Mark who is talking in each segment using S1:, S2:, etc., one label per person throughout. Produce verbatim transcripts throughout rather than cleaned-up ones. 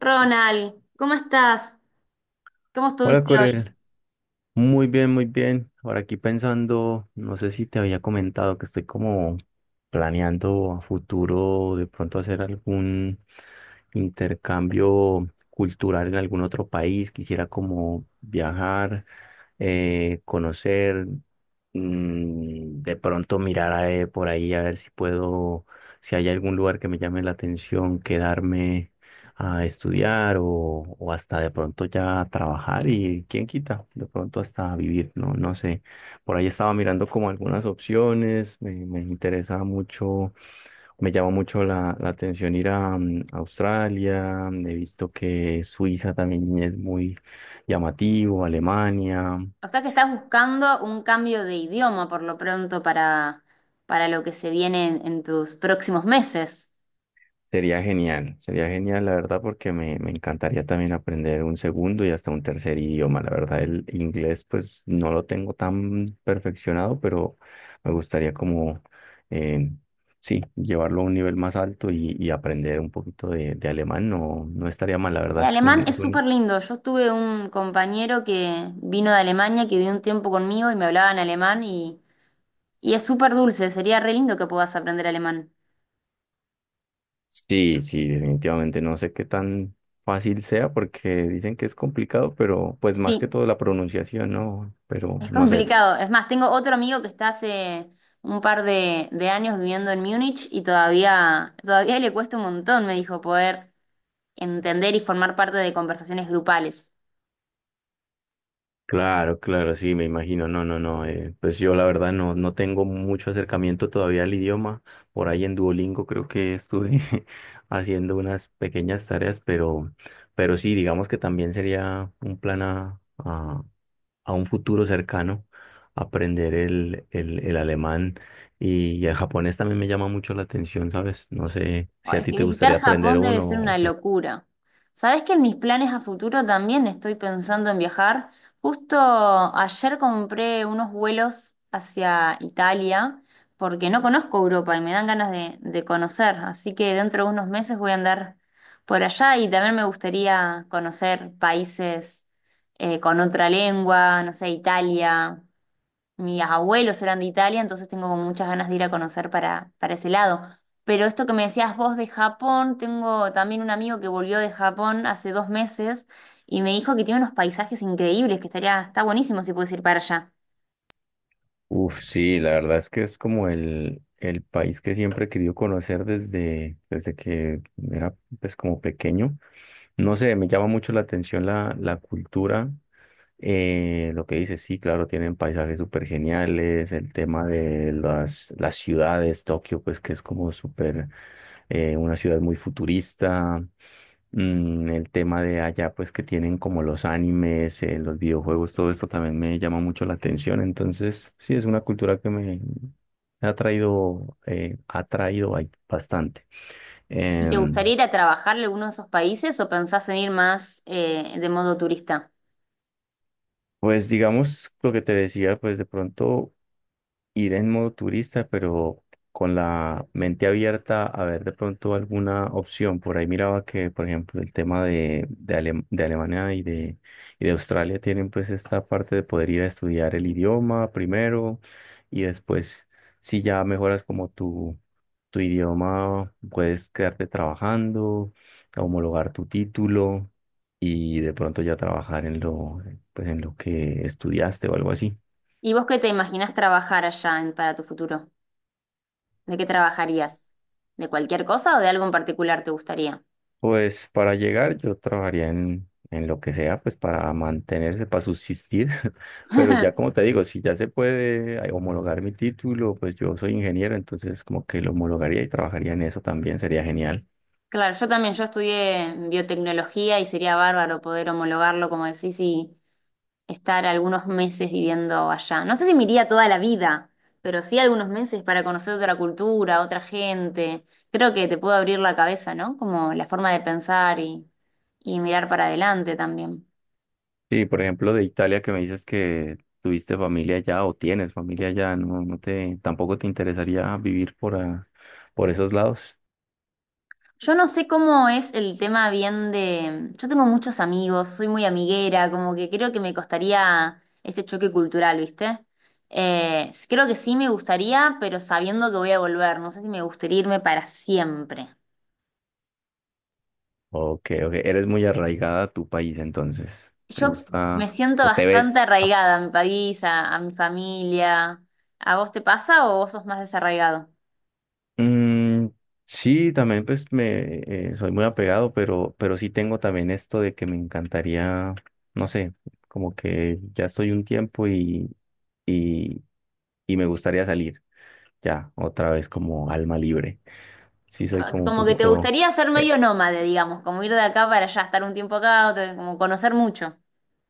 S1: Ronald, ¿cómo estás? ¿Cómo
S2: Hola
S1: estuviste
S2: Corel,
S1: hoy?
S2: muy bien, muy bien. Ahora aquí pensando, no sé si te había comentado que estoy como planeando a futuro de pronto hacer algún intercambio cultural en algún otro país. Quisiera como viajar, eh, conocer, mm, de pronto mirar, eh, por ahí a ver si puedo, si hay algún lugar que me llame la atención, quedarme a estudiar o, o hasta de pronto ya trabajar y quién quita, de pronto hasta vivir, no, no sé. Por ahí estaba mirando como algunas opciones, me, me interesa mucho. Me llama mucho la, la atención ir a mm, Australia. He visto que Suiza también es muy llamativo, Alemania.
S1: O sea que estás buscando un cambio de idioma por lo pronto para, para lo que se viene en, en tus próximos meses.
S2: Sería genial, sería genial, la verdad, porque me, me encantaría también aprender un segundo y hasta un tercer idioma. La verdad, el inglés pues no lo tengo tan perfeccionado, pero me gustaría como, eh, sí, llevarlo a un nivel más alto y, y aprender un poquito de, de alemán. No, no estaría mal, la
S1: El
S2: verdad es que
S1: alemán
S2: un- es
S1: es súper
S2: un.
S1: lindo. Yo tuve un compañero que vino de Alemania, que vivió un tiempo conmigo y me hablaba en alemán y, y es súper dulce. Sería re lindo que puedas aprender alemán.
S2: Sí, sí, definitivamente. No sé qué tan fácil sea porque dicen que es complicado, pero pues más que
S1: Sí,
S2: todo la pronunciación, ¿no? Pero
S1: es
S2: no sé.
S1: complicado. Es más, tengo otro amigo que está hace un par de, de años viviendo en Múnich y todavía, todavía le cuesta un montón, me dijo, poder entender y formar parte de conversaciones grupales.
S2: Claro, claro, sí, me imagino. No, no, no. eh, pues yo la verdad no, no tengo mucho acercamiento todavía al idioma. Por ahí en Duolingo creo que estuve haciendo unas pequeñas tareas, pero, pero, sí, digamos que también sería un plan a, a un futuro cercano aprender el, el, el alemán y, y el japonés también me llama mucho la atención, ¿sabes? No sé
S1: Oh,
S2: si a
S1: es
S2: ti
S1: que
S2: te gustaría
S1: visitar
S2: aprender
S1: Japón debe
S2: uno,
S1: ser una
S2: o qué.
S1: locura. ¿Sabés que en mis planes a futuro también estoy pensando en viajar? Justo ayer compré unos vuelos hacia Italia porque no conozco Europa y me dan ganas de, de conocer, así que dentro de unos meses voy a andar por allá y también me gustaría conocer países eh, con otra lengua, no sé, Italia. Mis abuelos eran de Italia, entonces tengo como muchas ganas de ir a conocer para, para ese lado. Pero esto que me decías vos de Japón, tengo también un amigo que volvió de Japón hace dos meses y me dijo que tiene unos paisajes increíbles, que estaría, está buenísimo si puedes ir para allá.
S2: Uf, sí, la verdad es que es como el, el país que siempre he querido conocer desde, desde que era pues como pequeño. No sé, me llama mucho la atención la, la cultura, eh, lo que dices, sí, claro, tienen paisajes súper geniales, el tema de las, las ciudades, Tokio, pues que es como súper, eh, una ciudad muy futurista. Mm, el tema de allá pues que tienen como los animes, eh, los videojuegos, todo esto también me llama mucho la atención, entonces sí, es una cultura que me ha atraído, eh, ha atraído ahí bastante.
S1: ¿Y te
S2: Em,
S1: gustaría ir a trabajar a alguno de esos países o pensás en ir más eh, de modo turista?
S2: pues digamos lo que te decía, pues de pronto ir en modo turista, pero con la mente abierta a ver de pronto alguna opción. Por ahí miraba que, por ejemplo, el tema de, de, Alem- de Alemania y de, y de Australia tienen pues esta parte de poder ir a estudiar el idioma primero y después, si ya mejoras como tu, tu idioma, puedes quedarte trabajando, homologar tu título. Y de pronto ya trabajar en lo, pues en lo que estudiaste o algo así.
S1: ¿Y vos qué te imaginás trabajar allá en- para tu futuro? ¿De qué trabajarías? ¿De cualquier cosa o de algo en particular te gustaría?
S2: Pues para llegar yo trabajaría en, en lo que sea, pues para mantenerse, para subsistir, pero ya como te digo, si ya se puede ay, homologar mi título, pues yo soy ingeniero, entonces como que lo homologaría y trabajaría en eso también, sería genial.
S1: Claro, yo también, yo estudié biotecnología y sería bárbaro poder homologarlo, como decís, y estar algunos meses viviendo allá. No sé si me iría toda la vida, pero sí algunos meses para conocer otra cultura, otra gente. Creo que te puede abrir la cabeza, ¿no? Como la forma de pensar y, y mirar para adelante también.
S2: Sí, por ejemplo, de Italia que me dices que tuviste familia allá o tienes familia allá, no, no te, tampoco te interesaría vivir por, a- por esos lados.
S1: Yo no sé cómo es el tema bien de... Yo tengo muchos amigos, soy muy amiguera, como que creo que me costaría ese choque cultural, ¿viste? Eh, creo que sí me gustaría, pero sabiendo que voy a volver, no sé si me gustaría irme para siempre.
S2: Ok, ok, eres muy arraigada a tu país entonces, ¿te
S1: Yo me
S2: gusta
S1: siento
S2: o te
S1: bastante
S2: ves?
S1: arraigada a mi país, a, a mi familia. ¿A vos te pasa o vos sos más desarraigado?
S2: Mm, sí, también pues me eh, soy muy apegado, pero, pero, sí tengo también esto de que me encantaría, no sé, como que ya estoy un tiempo y, y, y me gustaría salir ya otra vez como alma libre. Sí,
S1: Co-
S2: soy como un
S1: Como que te
S2: poquito,
S1: gustaría ser
S2: eh,
S1: medio nómade, digamos, como ir de acá para allá, estar un tiempo acá, otro- como conocer mucho.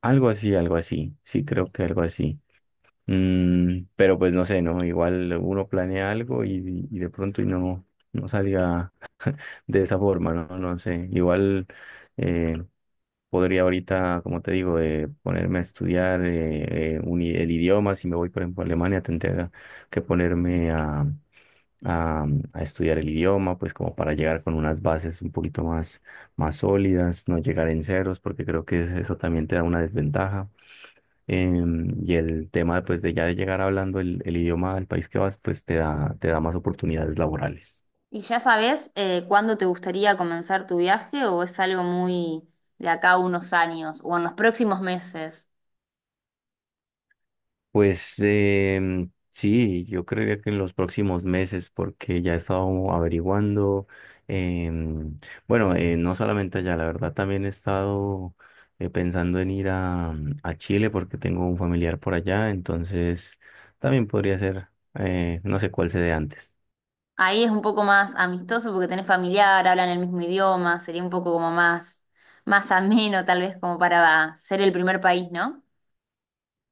S2: algo así, algo así. Sí, creo que algo así. Mm, pero pues no sé, ¿no? Igual uno planea algo y, y de pronto y no, no salga de esa forma, ¿no? No sé. Igual. eh, podría ahorita, como te digo, eh, ponerme a estudiar eh, eh, un i- el idioma. Si me voy, por ejemplo, a Alemania, tendría que ponerme a, a, a estudiar el idioma, pues como para llegar con unas bases un poquito más, más sólidas, no llegar en ceros, porque creo que eso también te da una desventaja. Em, y el tema, pues, de ya de llegar hablando el, el idioma del país que vas, pues te da, te da, más oportunidades laborales.
S1: ¿Y ya sabes eh, cuándo te gustaría comenzar tu viaje o es algo muy de acá a unos años o en los próximos meses?
S2: Pues, eh, sí, yo creería que en los próximos meses, porque ya he estado averiguando. Em, bueno, eh, no solamente allá, la verdad también he estado, eh, pensando en ir a, a Chile porque tengo un familiar por allá, entonces también podría ser, eh, no sé cuál se dé antes.
S1: Ahí es un poco más amistoso porque tenés familiar, hablan el mismo idioma, sería un poco como más, más ameno tal vez como para ser el primer país, ¿no?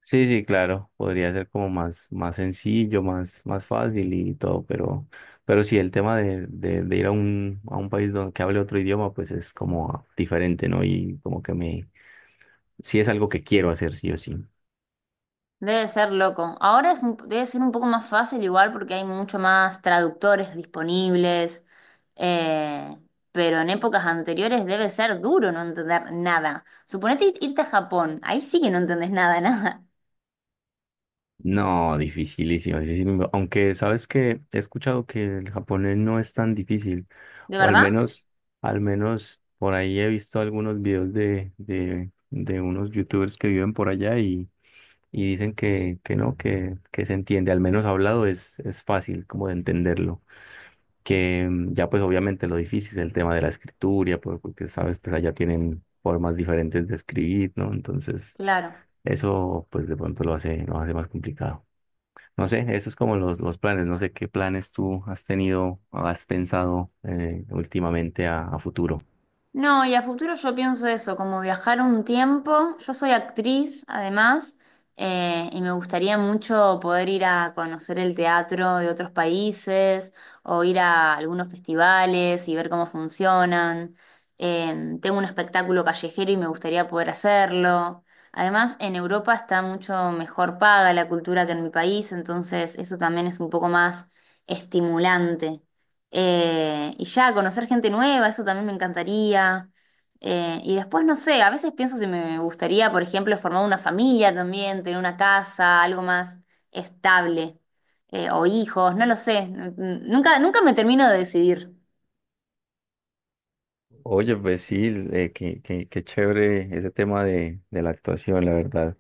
S2: Sí, sí, claro, podría ser como más, más, sencillo, más, más fácil y todo, pero, pero sí, el tema de, de, de ir a un, a un país donde que hable otro idioma, pues es como diferente, ¿no? Y como que me, sí es algo que quiero hacer, sí o sí.
S1: Debe ser loco. Ahora es un- debe ser un poco más fácil igual porque hay mucho más traductores disponibles, eh, pero en épocas anteriores debe ser duro no entender nada. Suponete ir- irte a Japón, ahí sí que no entendés nada, nada.
S2: No, dificilísimo, dificilísimo. Aunque sabes que he escuchado que el japonés no es tan difícil,
S1: ¿De
S2: o al
S1: verdad?
S2: menos, al menos por ahí he visto algunos videos de, de, de unos youtubers que viven por allá y y dicen que, que no, que, que se entiende, al menos hablado es, es fácil como de entenderlo, que, mm, ya pues obviamente lo difícil es el tema de la escritura, por- porque sabes, pues allá tienen formas diferentes de escribir, ¿no? Entonces
S1: Claro.
S2: eso pues de pronto lo hace, lo hace más complicado. No sé, eso es como los, los planes, no sé qué planes tú has tenido, has pensado, eh, últimamente a, a futuro.
S1: No, y a futuro yo pienso eso, como viajar un tiempo. Yo soy actriz, además, eh, y me gustaría mucho poder ir a conocer el teatro de otros países o ir a algunos festivales y ver cómo funcionan. Eh, tengo un espectáculo callejero y me gustaría poder hacerlo. Además, en Europa está mucho mejor paga la cultura que en mi país, entonces eso también es un poco más estimulante. Eh, y ya, conocer gente nueva, eso también me encantaría. Eh, y después, no sé, a veces pienso si me gustaría, por ejemplo, formar una familia también, tener una casa, algo más estable, eh, o hijos, no lo sé. N- n- Nunca, nunca me termino de decidir.
S2: Oye, pues sí, eh, qué, qué- qué chévere ese tema de, de la actuación, la verdad.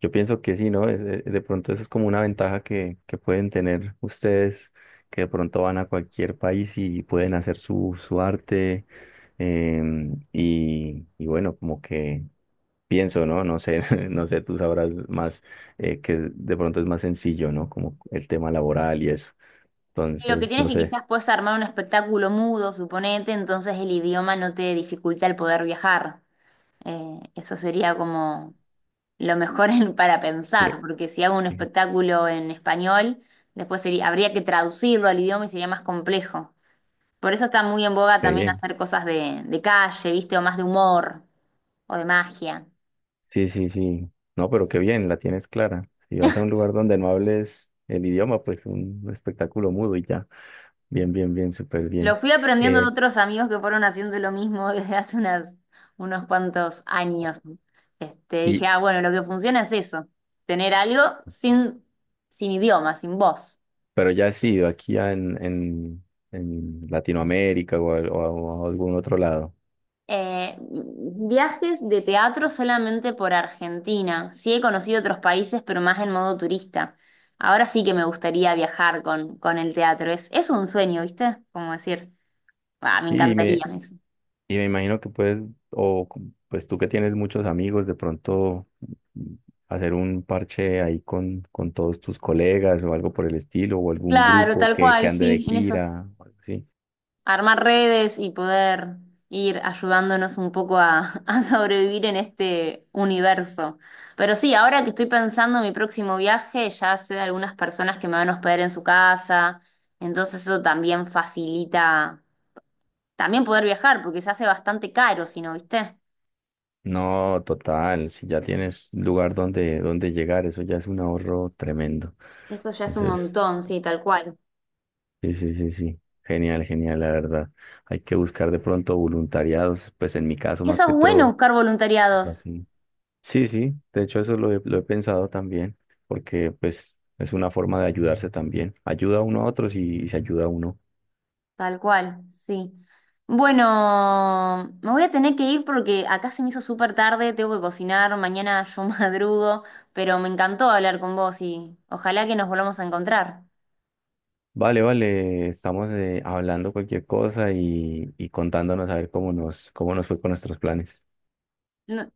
S2: Yo pienso que sí, ¿no? Es- es- De, pronto eso es como una ventaja que, que pueden tener ustedes, que de pronto van a cualquier país y pueden hacer su, su arte. em, y, y bueno, como que pienso, ¿no? No sé, no sé, tú sabrás más, eh, que de pronto es más sencillo, ¿no? Como el tema laboral y eso.
S1: Lo que
S2: Entonces,
S1: tienes
S2: no
S1: que
S2: sé.
S1: quizás puedes armar un espectáculo mudo, suponete, entonces el idioma no te dificulta el poder viajar. Eh, eso sería como lo mejor en- para
S2: qué-
S1: pensar, porque si hago un
S2: qué-
S1: espectáculo en español, después sería, habría que traducirlo al idioma y sería más complejo. Por eso está muy en boga
S2: qué
S1: también
S2: bien.
S1: hacer cosas de, de calle, ¿viste? O más de humor o de magia.
S2: Sí, sí, sí. No, pero qué bien, la tienes clara. Si vas a un lugar donde no hables el idioma, pues un espectáculo mudo y ya. Bien, bien, bien, súper
S1: Lo
S2: bien.
S1: fui aprendiendo
S2: Eh,
S1: de otros amigos que fueron haciendo lo mismo desde hace unas, unos cuantos años. Este, dije,
S2: y,
S1: ah, bueno, lo que funciona es eso, tener algo sin, sin idioma, sin voz.
S2: pero ya has ido aquí a- en, en, en Latinoamérica o a, o a- o a algún otro lado.
S1: Eh, viajes de teatro solamente por Argentina. Sí he conocido otros países, pero más en modo turista. Ahora sí que me gustaría viajar con, con el teatro. Es, es un sueño, ¿viste? Como decir, "Ah, me
S2: Sí, y
S1: encantaría
S2: me,
S1: eso".
S2: y me imagino que puedes, o c- pues tú que tienes muchos amigos, de pronto, mm, hacer un parche ahí con, con todos tus colegas o algo por el estilo, o algún
S1: Claro,
S2: grupo
S1: tal
S2: que, que
S1: cual,
S2: ande de
S1: sí, en eso
S2: gira, o algo así.
S1: armar redes y poder ir ayudándonos un poco a, a sobrevivir en este universo. Pero sí, ahora que estoy pensando en mi próximo viaje, ya sé de algunas personas que me van a hospedar en su casa, entonces eso también facilita también poder viajar, porque se hace bastante caro, si no, ¿viste?
S2: No, total, si ya tienes lugar donde, donde llegar, eso ya es un ahorro tremendo.
S1: Eso ya es un
S2: Entonces,
S1: montón, sí, tal cual.
S2: sí, sí, sí, sí, genial, genial, la verdad. Hay que buscar de pronto voluntariados, pues en mi caso
S1: Y eso
S2: más que
S1: es bueno
S2: todo,
S1: buscar voluntariados.
S2: así. Sí, sí, de hecho eso lo he, lo he pensado también, porque pues es una forma de ayudarse también. Ayuda uno a otros y, y se ayuda a uno.
S1: Tal cual, sí. Bueno, me voy a tener que ir porque acá se me hizo súper tarde, tengo que cocinar, mañana yo madrugo, pero me encantó hablar con vos y ojalá que nos volvamos a encontrar.
S2: Vale, vale, estamos, eh, hablando cualquier cosa y, y contándonos a ver cómo nos, cómo nos, fue con nuestros planes.
S1: No,